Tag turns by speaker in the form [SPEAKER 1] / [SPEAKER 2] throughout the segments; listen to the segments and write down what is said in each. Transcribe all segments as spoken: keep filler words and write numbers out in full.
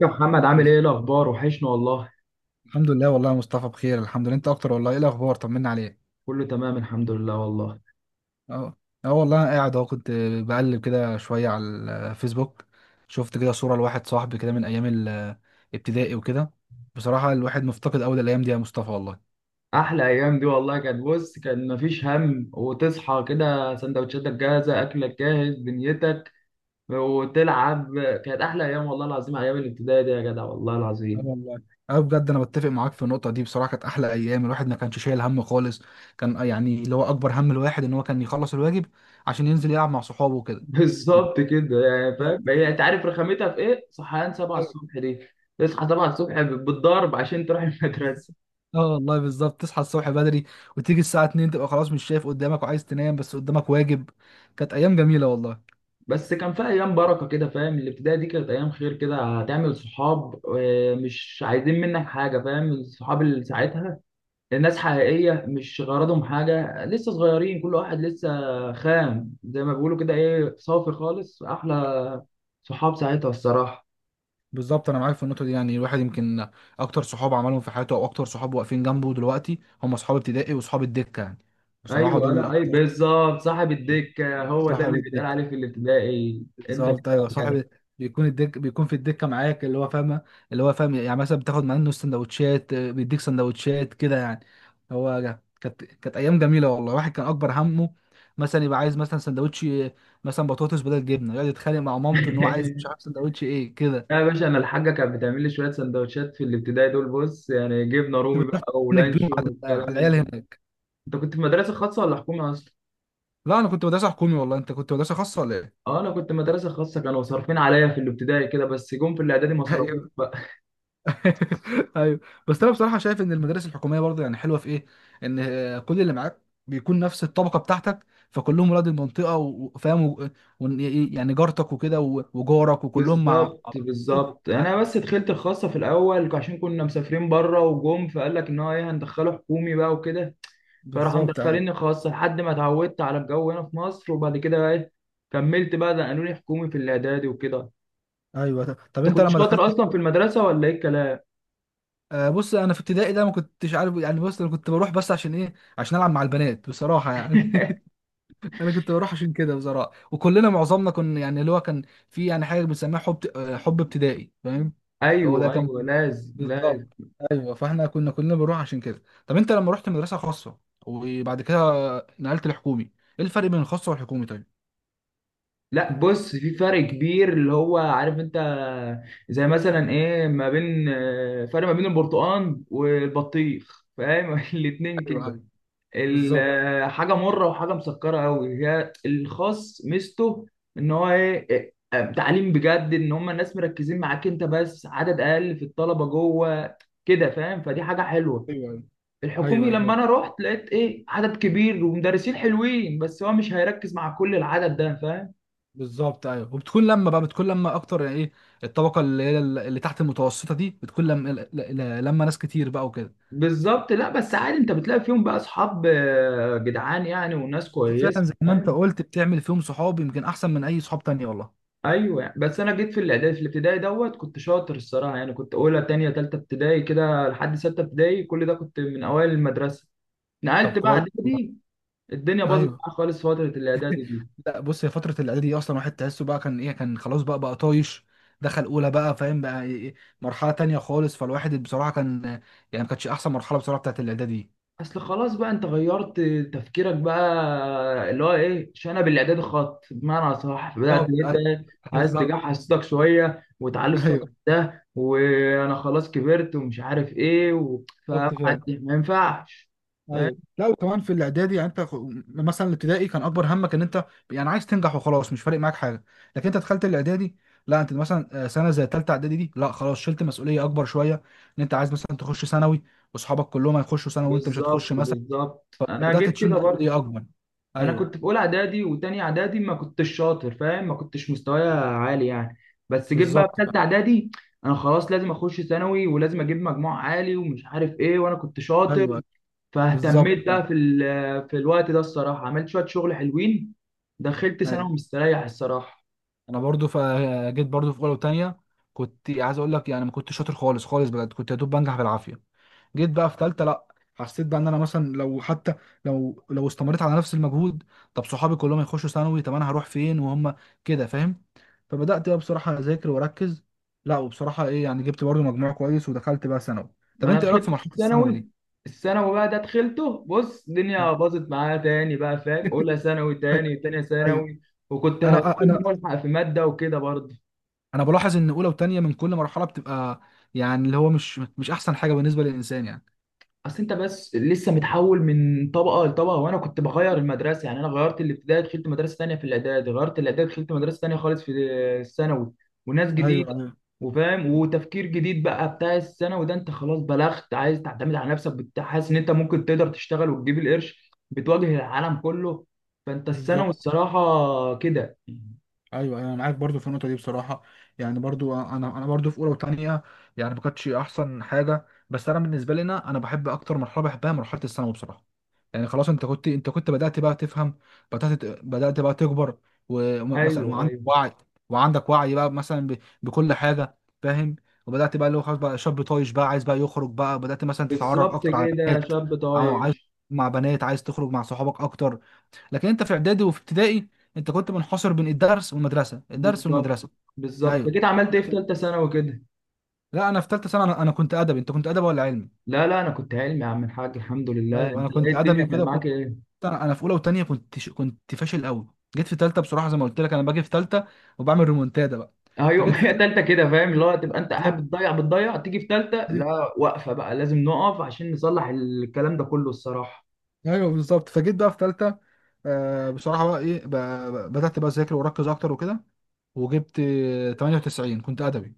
[SPEAKER 1] يا محمد عامل
[SPEAKER 2] بز-
[SPEAKER 1] ايه الاخبار؟ وحشنا والله.
[SPEAKER 2] الحمد لله والله يا مصطفى، بخير الحمد لله. انت اكتر والله. ايه الاخبار؟ طمنا عليك.
[SPEAKER 1] كله تمام الحمد لله والله.
[SPEAKER 2] اه، اه والله انا قاعد اهو، كنت بقلب كده شويه على الفيسبوك، شفت كده صوره لواحد صاحبي كده من ايام الابتدائي وكده. بصراحه الواحد مفتقد قوي الايام دي يا مصطفى والله.
[SPEAKER 1] احلى ايام دي والله، كانت بص كان مفيش هم، وتصحى كده سندوتشاتك جاهزه، اكلك جاهز، دنيتك وتلعب. كانت احلى ايام والله العظيم، ايام الابتدائي دي يا جدع والله
[SPEAKER 2] اه
[SPEAKER 1] العظيم.
[SPEAKER 2] والله. اه بجد انا بتفق معاك في النقطه دي. بصراحه كانت احلى ايام، الواحد ما كانش شايل هم خالص. كان يعني اللي هو اكبر هم الواحد ان هو كان يخلص الواجب عشان ينزل يلعب مع صحابه وكده.
[SPEAKER 1] بالظبط كده، يعني
[SPEAKER 2] بالظبط.
[SPEAKER 1] فاهم هي انت عارف رخامتها في ايه؟ صحيان سبعة الصبح دي، تصحى سبعة الصبح بالضرب عشان تروح المدرسه.
[SPEAKER 2] اه والله بالظبط، تصحى الصبح بدري وتيجي الساعة اتنين تبقى خلاص مش شايف قدامك وعايز تنام بس قدامك واجب. كانت أيام جميلة والله.
[SPEAKER 1] بس كان في ايام بركه كده فاهم، الابتدائي دي كانت ايام خير كده، هتعمل صحاب آه، مش عايزين منك حاجه، فاهم؟ الصحاب اللي ساعتها الناس حقيقيه، مش غرضهم حاجه، لسه صغيرين، كل واحد لسه خام زي ما بيقولوا كده، ايه صافي خالص، احلى صحاب ساعتها الصراحه.
[SPEAKER 2] بالظبط أنا معاك في النقطة دي. يعني الواحد يمكن أكتر صحاب عملهم في حياته أو أكتر صحاب واقفين جنبه دلوقتي هم صحاب ابتدائي وصحاب الدكة يعني. بصراحة
[SPEAKER 1] ايوه
[SPEAKER 2] دول
[SPEAKER 1] لا اي
[SPEAKER 2] أكتر.
[SPEAKER 1] بالظبط، صاحب الدكه هو ده
[SPEAKER 2] صحاب
[SPEAKER 1] اللي بيتقال
[SPEAKER 2] الدكة.
[SPEAKER 1] عليه في الابتدائي، انت كده
[SPEAKER 2] بالظبط ايوه،
[SPEAKER 1] كده.
[SPEAKER 2] صاحب بيكون الدك بيكون في الدكه معاك اللي هو فاهمه اللي هو فاهم، يعني مثلا بتاخد منه سندوتشات، آه، بيديك سندوتشات كده يعني. هو جا- كانت كانت ايام جميله والله. الواحد كان اكبر همه مثلا يبقى عايز مثلا سندوتش، آه، مثلا بطاطس بدل جبنه، يقعد يتخانق مع مامته ان هو عايز، مش عارف سندوتش ايه كده.
[SPEAKER 1] لا يا باشا، انا
[SPEAKER 2] بجد.
[SPEAKER 1] الحاجه كانت بتعمل لي شويه سندوتشات في الابتدائي دول، بص يعني جبنه
[SPEAKER 2] كنت
[SPEAKER 1] رومي
[SPEAKER 2] بتروح
[SPEAKER 1] بقى
[SPEAKER 2] انك ديون
[SPEAKER 1] ولانشون
[SPEAKER 2] على على
[SPEAKER 1] والكلام من
[SPEAKER 2] العيال
[SPEAKER 1] ده.
[SPEAKER 2] هناك.
[SPEAKER 1] انت كنت في مدرسه خاصه ولا حكومه اصلا؟
[SPEAKER 2] لا انا كنت مدرسه حكومي والله، انت كنت مدرسه خاصه ولا ايه؟
[SPEAKER 1] اه انا كنت مدرسه خاصه، كانوا صارفين عليا في الابتدائي كده بس جم في الاعدادي ما صرفوش بقى.
[SPEAKER 2] ايوه. بس انا بصراحه شايف ان المدارس الحكوميه برضه يعني حلوه في ايه، ان آه، كل اللي معاك بيكون نفس الطبقه بتاعتك، فكلهم ولاد المنطقه و- وفاهم و- و- يعني جارتك وكده و- وجارك وكلهم مع.
[SPEAKER 1] بالظبط بالظبط، يعني انا بس دخلت الخاصه في الاول عشان كنا مسافرين بره، وجم فقال لك ان هو ايه، هندخله حكومي بقى وكده، فراحوا
[SPEAKER 2] بالظبط، ايوه،
[SPEAKER 1] مدخليني خاصه لحد ما اتعودت على الجو هنا في مصر، وبعد كده بقى ايه كملت بقى ده قانوني حكومي في الاعدادي وكده.
[SPEAKER 2] ايوه ط- طب
[SPEAKER 1] انت
[SPEAKER 2] انت
[SPEAKER 1] كنت
[SPEAKER 2] لما
[SPEAKER 1] شاطر
[SPEAKER 2] دخلت
[SPEAKER 1] اصلا في
[SPEAKER 2] الكو-
[SPEAKER 1] المدرسه ولا ايه الكلام؟
[SPEAKER 2] آه، بص انا في ابتدائي ده ما كنتش عارف يعني. بص انا كنت بروح بس عشان ايه؟ عشان العب مع البنات بصراحه يعني انا كنت بروح عشان كده بصراحه، وكلنا معظمنا كنا يعني اللي هو كان في يعني حاجه بنسميها حب، آه، حب ابتدائي فاهم. هو ده
[SPEAKER 1] ايوه
[SPEAKER 2] كان.
[SPEAKER 1] ايوه، لازم لازم.
[SPEAKER 2] بالظبط ايوه، فاحنا كنا كنا بنروح عشان كده. طب انت لما رحت مدرسه خاصه وبعد كده نقلت الحكومي، ايه الفرق بين الخاصه والحكومي طيب؟
[SPEAKER 1] لا بص في فرق كبير، اللي هو عارف انت زي مثلا ايه ما بين آه، فرق ما بين البرتقال والبطيخ، فاهم؟ الاتنين
[SPEAKER 2] ايوه،
[SPEAKER 1] كده،
[SPEAKER 2] ايوه،
[SPEAKER 1] ال-
[SPEAKER 2] بالظبط،
[SPEAKER 1] آه، حاجه مره وحاجه مسكره قوي. هي الخاص ميزته ان هو ايه، آه، تعليم بجد، ان هم الناس مركزين معاك انت بس، عدد اقل في الطلبه جوه كده فاهم، فدي حاجه حلوه.
[SPEAKER 2] ايوه، ايوه، ايوه،
[SPEAKER 1] الحكومي
[SPEAKER 2] ايوه
[SPEAKER 1] لما انا
[SPEAKER 2] فاهم.
[SPEAKER 1] رحت لقيت ايه، عدد كبير ومدرسين حلوين، بس هو مش هيركز مع كل العدد ده فاهم.
[SPEAKER 2] بالظبط ايوه. وبتكون لما بقى بتكون لما اكتر يعني ايه الطبقه، اللي هي اللي تحت المتوسطه دي بتكون لما ل- ل- لما ناس كتير بقى وكده.
[SPEAKER 1] بالظبط، لا بس عادي انت بتلاقي فيهم بقى اصحاب آه، جدعان يعني، وناس
[SPEAKER 2] فعلا
[SPEAKER 1] كويسه
[SPEAKER 2] زي ما انت
[SPEAKER 1] فاهم.
[SPEAKER 2] قلت بتعمل فيهم صحاب يمكن احسن من اي صحاب تانية والله.
[SPEAKER 1] ايوه يعني. بس انا جيت في الاعدادي، في الابتدائي دوت كنت شاطر الصراحه، يعني كنت اولى تانية تالتة ابتدائي كده لحد ستة ابتدائي، كل ده كنت من اوائل المدرسه.
[SPEAKER 2] طب
[SPEAKER 1] نقلت بقى
[SPEAKER 2] كويس والله.
[SPEAKER 1] اعدادي، الدنيا باظت
[SPEAKER 2] ايوه.
[SPEAKER 1] معايا خالص فتره الاعدادي دي.
[SPEAKER 2] لا بص هي فترة الإعداد دي أصلا واحد تحسه بقى كان إيه، كان خلاص بقى بقى طايش. دخل أولى بقى فاهم بقى إيه، مرحلة تانية خالص. فالواحد بصراحة كان يعني ما كانتش أحسن مرحلة بصراحة بتاعت الإعداد دي.
[SPEAKER 1] اصل خلاص بقى انت غيرت تفكيرك بقى، اللي هو ايه، شنب الاعداد خط بمعنى صح، بدات
[SPEAKER 2] بالظبط أيوة،
[SPEAKER 1] جدا عايز
[SPEAKER 2] بالظبط
[SPEAKER 1] تجحس صوتك شويه وتعلي صوتك
[SPEAKER 2] ايوه،
[SPEAKER 1] ده، وانا خلاص كبرت ومش عارف ايه و... فما
[SPEAKER 2] بالظبط فعلا،
[SPEAKER 1] ما ينفعش، فاهم.
[SPEAKER 2] ايوه. لا وكمان في الاعدادي يعني انت خ- مثلا الابتدائي كان اكبر همك ان انت يعني عايز تنجح وخلاص، مش فارق معاك حاجه. لكن انت دخلت الاعدادي، لا انت مثلا آه، سنه زي ثالثه اعدادي دي، لا خلاص شلت مسؤوليه اكبر شويه، ان انت عايز مثلا تخش ثانوي، واصحابك كلهم هيخشوا ثانوي وانت مش
[SPEAKER 1] بالظبط
[SPEAKER 2] هتخش.
[SPEAKER 1] بالظبط، انا
[SPEAKER 2] فبدأت
[SPEAKER 1] جيت
[SPEAKER 2] تشيل
[SPEAKER 1] كده برضه،
[SPEAKER 2] مسؤولية أكبر.
[SPEAKER 1] انا
[SPEAKER 2] أيوه
[SPEAKER 1] كنت في اولى اعدادي وتاني اعدادي ما كنتش شاطر فاهم، ما كنتش مستوايا عالي يعني. بس جيت بقى في
[SPEAKER 2] بالظبط
[SPEAKER 1] ثالثه
[SPEAKER 2] فعلا.
[SPEAKER 1] اعدادي، انا خلاص لازم اخش ثانوي، ولازم اجيب مجموع عالي ومش عارف ايه، وانا كنت شاطر،
[SPEAKER 2] أيوه بالظبط
[SPEAKER 1] فاهتميت
[SPEAKER 2] فعلا.
[SPEAKER 1] بقى في ال- في الوقت ده الصراحه، عملت شويه شغل حلوين، دخلت
[SPEAKER 2] أيوه.
[SPEAKER 1] ثانوي مستريح الصراحه.
[SPEAKER 2] أنا برضو فجيت برضو في أولى وتانية، كنت عايز أقول لك يعني ما كنتش شاطر خالص خالص بجد. كنت يا دوب بنجح بالعافية. جيت بقى في تالتة لأ. حسيت بقى إن أنا مثلا لو حتى لو لو استمريت على نفس المجهود، طب صحابي كلهم يخشوا ثانوي طب أنا هروح فين وهم كده فاهم. فبدأت بقى بصراحة أذاكر وأركز، لأ وبصراحة إيه يعني، جبت برضو مجموع كويس ودخلت بقى ثانوي.
[SPEAKER 1] ما
[SPEAKER 2] طب
[SPEAKER 1] انا
[SPEAKER 2] أنت إيه رأيك في
[SPEAKER 1] دخلت
[SPEAKER 2] مرحلة الثانوي
[SPEAKER 1] الثانوي،
[SPEAKER 2] دي؟
[SPEAKER 1] الثانوي بقى ده دخلته، بص الدنيا باظت معايا تاني بقى فاهم، اولى ثانوي تاني تانية
[SPEAKER 2] ايوه.
[SPEAKER 1] ثانوي، وكنت هكون
[SPEAKER 2] انا انا
[SPEAKER 1] ملحق في ماده وكده برضه.
[SPEAKER 2] انا بلاحظ ان اولى وتانية من كل مرحله بتبقى يعني اللي هو مش مش احسن حاجه بالنسبه للانسان يعني.
[SPEAKER 1] اصل انت بس لسه متحول من طبقه لطبقه، وانا كنت بغير المدرسه، يعني انا غيرت الابتدائي دخلت مدرسه ثانيه، في الاعدادي غيرت الاعدادي دخلت مدرسه ثانيه خالص في الثانوي، وناس
[SPEAKER 2] ايوه،
[SPEAKER 1] جديده
[SPEAKER 2] ايوه،
[SPEAKER 1] وفاهم، وتفكير جديد بقى بتاع الثانوي ده، انت خلاص بلغت عايز تعتمد على نفسك، بت- حاسس ان انت ممكن تقدر تشتغل وتجيب القرش، بتواجه العالم كله، فانت الثانوي
[SPEAKER 2] بالظبط
[SPEAKER 1] الصراحه كده.
[SPEAKER 2] ايوه، أيوة، انا معاك برضو في النقطه دي بصراحه. يعني برضو انا انا برضو في اولى وثانيه، يعني ما كانتش احسن حاجه. بس انا بالنسبه لنا انا بحب اكتر مرحله بحبها مرحله الثانوي بصراحه. يعني خلاص انت كنت انت كنت بدات بقى تفهم، بدات بدات بقى تكبر، ومثلا
[SPEAKER 1] ايوه
[SPEAKER 2] وعندك
[SPEAKER 1] ايوه
[SPEAKER 2] وعي، وعندك وعي بقى مثلا ب... بكل حاجه فاهم. وبدات بقى اللي هو خلاص بقى شاب طايش بقى عايز بقى يخرج بقى، بدات مثلا تتعرف
[SPEAKER 1] بالظبط
[SPEAKER 2] اكتر على
[SPEAKER 1] كده
[SPEAKER 2] بنات،
[SPEAKER 1] شاب
[SPEAKER 2] او عايز
[SPEAKER 1] طايش.
[SPEAKER 2] مع بنات، عايز تخرج مع صحابك اكتر. لكن انت في اعدادي وفي ابتدائي انت كنت منحصر بين الدرس والمدرسه، الدرس
[SPEAKER 1] بالظبط
[SPEAKER 2] والمدرسه.
[SPEAKER 1] بالظبط، انت
[SPEAKER 2] ايوه
[SPEAKER 1] كده عملت ايه في
[SPEAKER 2] لكن.
[SPEAKER 1] ثالثه ثانوي كده؟
[SPEAKER 2] لا انا في ثالثه سنه انا, أنا كنت ادبي، انت كنت ادبي ولا علمي؟
[SPEAKER 1] لا لا انا كنت علمي يا عم الحاج الحمد لله،
[SPEAKER 2] ايوه
[SPEAKER 1] انت
[SPEAKER 2] انا
[SPEAKER 1] ايه
[SPEAKER 2] كنت ادبي
[SPEAKER 1] الدنيا كان
[SPEAKER 2] وكده
[SPEAKER 1] معاك
[SPEAKER 2] كنت.
[SPEAKER 1] ايه؟
[SPEAKER 2] انا أنا في اولى وثانيه كنت ش... كنت فاشل قوي. جيت في ثالثه بصراحه زي ما قلت لك، انا باجي في ثالثه وبعمل ريمونتادا بقى.
[SPEAKER 1] ايوه
[SPEAKER 2] فجيت
[SPEAKER 1] ما
[SPEAKER 2] في
[SPEAKER 1] هي
[SPEAKER 2] ثالثه.
[SPEAKER 1] تالتة كده فاهم، اللي هو تبقى انت قاعد بتضيع بتضيع تيجي في تالتة، لا واقفة بقى لازم نقف عشان نصلح الكلام ده كله الصراحة.
[SPEAKER 2] ايوه بالظبط فجيت بقى في ثالثه. آه بصراحه بقى ايه، بقى بدات بقى اذاكر واركز اكتر وكده، وجبت آه، تمانيه وتسعين كنت ادبي.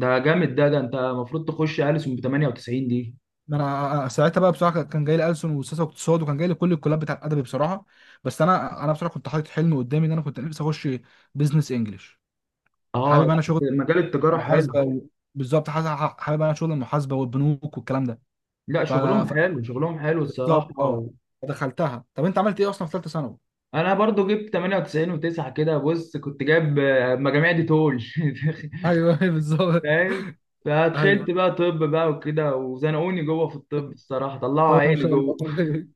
[SPEAKER 1] ده جامد ده ده انت المفروض تخش ألسن ب تمانية وتسعين دي.
[SPEAKER 2] ما انا آه، آه، ساعتها بقى بصراحه كان جاي لي ألسن وسياسه واقتصاد، وكان جاي لي كل الكلاب بتاع الادبي بصراحه. بس انا انا بصراحه كنت حاطط حلم قدامي، ان انا كنت نفسي اخش بزنس انجلش.
[SPEAKER 1] اه،
[SPEAKER 2] حابب انا شغل
[SPEAKER 1] لا مجال التجارة حلو.
[SPEAKER 2] المحاسبه و... بالظبط. حاس- حابب انا شغل المحاسبه والبنوك والكلام ده.
[SPEAKER 1] لا
[SPEAKER 2] ف
[SPEAKER 1] شغلهم
[SPEAKER 2] ف-
[SPEAKER 1] حلو شغلهم حلو
[SPEAKER 2] بالظبط
[SPEAKER 1] الصراحة
[SPEAKER 2] اه.
[SPEAKER 1] و...
[SPEAKER 2] دخلتها. طب انت عملت ايه اصلا في ثالثه ثانوي؟
[SPEAKER 1] انا برضو جبت تمانية وتسعين و9 كده، بص كنت جايب آه، مجاميع دي تول.
[SPEAKER 2] ايوه بالظبط
[SPEAKER 1] فاهم. فدخلت
[SPEAKER 2] ايوه.
[SPEAKER 1] بقى طب بقى وكده، وزنقوني جوه في الطب الصراحه، طلعوا
[SPEAKER 2] طب ما
[SPEAKER 1] عيني
[SPEAKER 2] شاء
[SPEAKER 1] جوه.
[SPEAKER 2] الله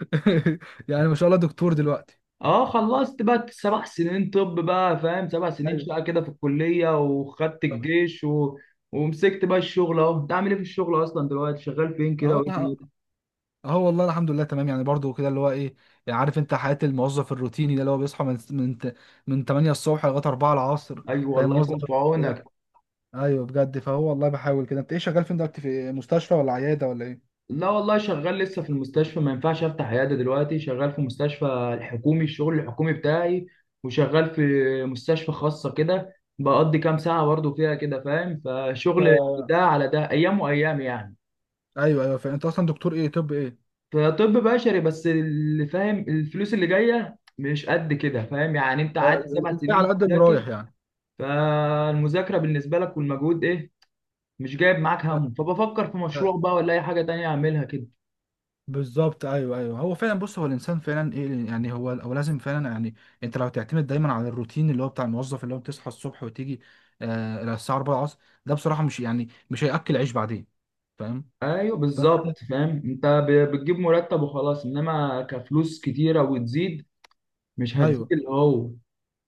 [SPEAKER 2] يعني ما شاء الله دكتور دلوقتي.
[SPEAKER 1] اه خلصت بقى سبع سنين طب بقى فاهم، سبع سنين
[SPEAKER 2] ايوه
[SPEAKER 1] شقه كده في الكليه، وخدت الجيش و... ومسكت بقى الشغل اهو. انت عامل ايه في الشغل اصلا دلوقتي، شغال فين كده
[SPEAKER 2] اه،
[SPEAKER 1] وايه دنيتك؟
[SPEAKER 2] اه والله الحمد لله تمام. يعني برضو كده اللي هو ايه، يعني عارف انت حياة الموظف الروتيني ده اللي هو بيصحى من من من تمانيه الصبح لغاية أربعة العصر
[SPEAKER 1] ايوه
[SPEAKER 2] فاهم،
[SPEAKER 1] والله
[SPEAKER 2] موظف
[SPEAKER 1] يكون في
[SPEAKER 2] ده.
[SPEAKER 1] عونك.
[SPEAKER 2] ايوه بجد. فهو والله بحاول كده. انت ايه شغال فين دلوقتي، في مستشفى ولا عيادة ولا ايه؟
[SPEAKER 1] لا والله شغال لسه في المستشفى، ما ينفعش افتح عياده دلوقتي، شغال في مستشفى الحكومي الشغل الحكومي بتاعي، وشغال في مستشفى خاصه كده، بقضي كام ساعه برضه فيها كده فاهم، فشغل
[SPEAKER 2] انت.
[SPEAKER 1] ده على ده ايام وايام يعني.
[SPEAKER 2] ايوه ايوه فاهم. انت اصلا دكتور ايه طب ايه؟
[SPEAKER 1] فطب بشري بس، اللي فاهم الفلوس اللي جايه مش قد كده فاهم، يعني انت
[SPEAKER 2] اه.
[SPEAKER 1] قعدت سبع
[SPEAKER 2] الباقي
[SPEAKER 1] سنين
[SPEAKER 2] على قد اللي
[SPEAKER 1] بتذاكر
[SPEAKER 2] رايح يعني.
[SPEAKER 1] فالمذاكره بالنسبه لك والمجهود ايه، مش جايب معاك همه، فبفكر في مشروع بقى ولا اي حاجه تانية اعملها كده.
[SPEAKER 2] بالظبط ايوه، ايوه هو فعلا، بص هو الانسان فعلا ايه يعني، هو هو لازم فعلا يعني انت لو تعتمد دايما على الروتين اللي هو بتاع الموظف، اللي هو بتصحى الصبح وتيجي آه إلى الساعه اربعه العصر، ده بصراحه مش يعني مش هياكل عيش بعدين فاهم.
[SPEAKER 1] ايوه
[SPEAKER 2] فانت.
[SPEAKER 1] بالظبط فاهم، انت ب- بتجيب مرتب وخلاص، انما كفلوس كتيره وتزيد مش هتزيد
[SPEAKER 2] ايوه
[SPEAKER 1] اللي هو.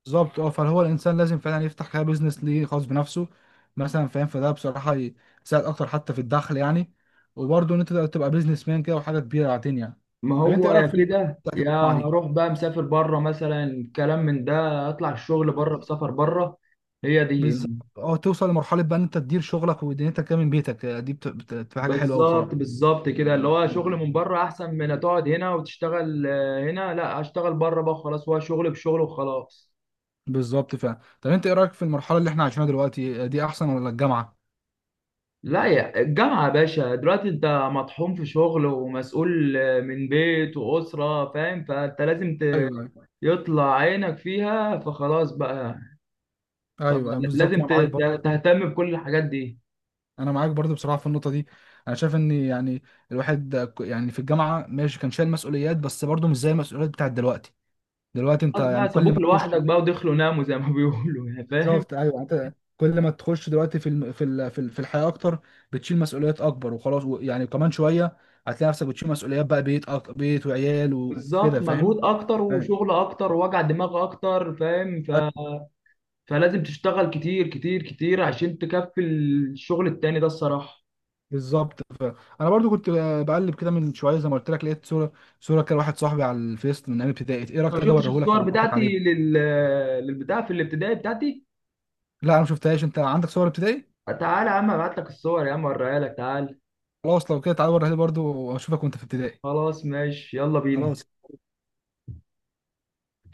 [SPEAKER 2] بالظبط اه، فهو الانسان لازم فعلا يفتح كده بيزنس ليه خاص بنفسه مثلا فاهم، فده بصراحه يساعد اكتر حتى في الدخل يعني. وبرضه ان انت تبقى بيزنس مان كده وحاجه كبيره بعدين يعني.
[SPEAKER 1] ما
[SPEAKER 2] طب انت
[SPEAKER 1] هو
[SPEAKER 2] ايه
[SPEAKER 1] يا
[SPEAKER 2] رايك في
[SPEAKER 1] كده يا
[SPEAKER 2] المجتمع دي؟
[SPEAKER 1] هروح بقى مسافر بره مثلا، كلام من ده، اطلع الشغل بره، بسفر بره، هي دي.
[SPEAKER 2] بالظبط اه. توصل لمرحله بقى ان انت تدير شغلك ودنيتك كده من بيتك، آه، دي بت- بت- بتبقى حاجه حلوه قوي
[SPEAKER 1] بالظبط
[SPEAKER 2] بصراحه.
[SPEAKER 1] بالظبط كده، اللي هو
[SPEAKER 2] ايوه
[SPEAKER 1] شغل من بره احسن من تقعد هنا وتشتغل آه، هنا، لا اشتغل بره بقى خلاص، هو شغل بشغل وخلاص.
[SPEAKER 2] بالظبط فعلا. طب انت ايه رايك في المرحله اللي احنا عايشينها دلوقتي، آه، دي احسن ولا الجامعه؟
[SPEAKER 1] لا يا الجامعة يا باشا، دلوقتي انت مطحون في شغل ومسؤول من بيت وأسرة فاهم، فانت لازم ت-
[SPEAKER 2] ايوه أيوة.
[SPEAKER 1] يطلع عينك فيها فخلاص بقى،
[SPEAKER 2] ايوه أيوة، بالظبط
[SPEAKER 1] لازم
[SPEAKER 2] انا
[SPEAKER 1] ت-
[SPEAKER 2] معاك
[SPEAKER 1] ت-
[SPEAKER 2] برضه.
[SPEAKER 1] تهتم بكل الحاجات دي،
[SPEAKER 2] انا معاك برضه بصراحه في النقطه دي. انا شايف ان يعني الواحد آه، ك- يعني في الجامعه ماشي كان شايل مسؤوليات، بس برضه مش زي المسؤوليات بتاعت دلوقتي. دلوقتي انت
[SPEAKER 1] خلاص
[SPEAKER 2] يعني
[SPEAKER 1] بقى
[SPEAKER 2] كل
[SPEAKER 1] سابوك
[SPEAKER 2] ما تخش.
[SPEAKER 1] لوحدك بقى ودخلوا ناموا زي ما بيقولوا يعني فاهم.
[SPEAKER 2] بالظبط ايوه. يعني انت كل ما تخش دلوقتي في الم... في ال... في ال- في الحياه اكتر، بتشيل مسؤوليات اكبر وخلاص و... يعني كمان شويه هتلاقي نفسك بتشيل مسؤوليات بقى، بيت أك... بيت وعيال وكده
[SPEAKER 1] بالظبط،
[SPEAKER 2] فاهم.
[SPEAKER 1] مجهود اكتر
[SPEAKER 2] أيوة.
[SPEAKER 1] وشغل اكتر ووجع دماغ اكتر فاهم
[SPEAKER 2] أيوة،
[SPEAKER 1] ف... فلازم تشتغل كتير كتير كتير عشان تكفي الشغل التاني ده الصراحة.
[SPEAKER 2] بالظبط. انا برضو كنت بقلب كده من شويه زي ما قلت لك، لقيت صوره صوره كده واحد صاحبي على الفيس من ايام ابتدائي، ايه
[SPEAKER 1] أنت
[SPEAKER 2] رايك
[SPEAKER 1] ما
[SPEAKER 2] تيجي
[SPEAKER 1] شفتش
[SPEAKER 2] اوريهولك
[SPEAKER 1] الصور
[SPEAKER 2] واعرفك
[SPEAKER 1] بتاعتي
[SPEAKER 2] عليه؟
[SPEAKER 1] لل... للبتاع في الابتدائي بتاعتي؟
[SPEAKER 2] لا انا ما شفتهاش. انت عندك صور ابتدائي؟
[SPEAKER 1] تعال يا عم ابعت لك الصور يا عم اوريها لك، تعال.
[SPEAKER 2] خلاص لو كده تعالى اوريها لي برضو واشوفك وانت في ابتدائي.
[SPEAKER 1] خلاص ماشي يلا بينا.
[SPEAKER 2] خلاص.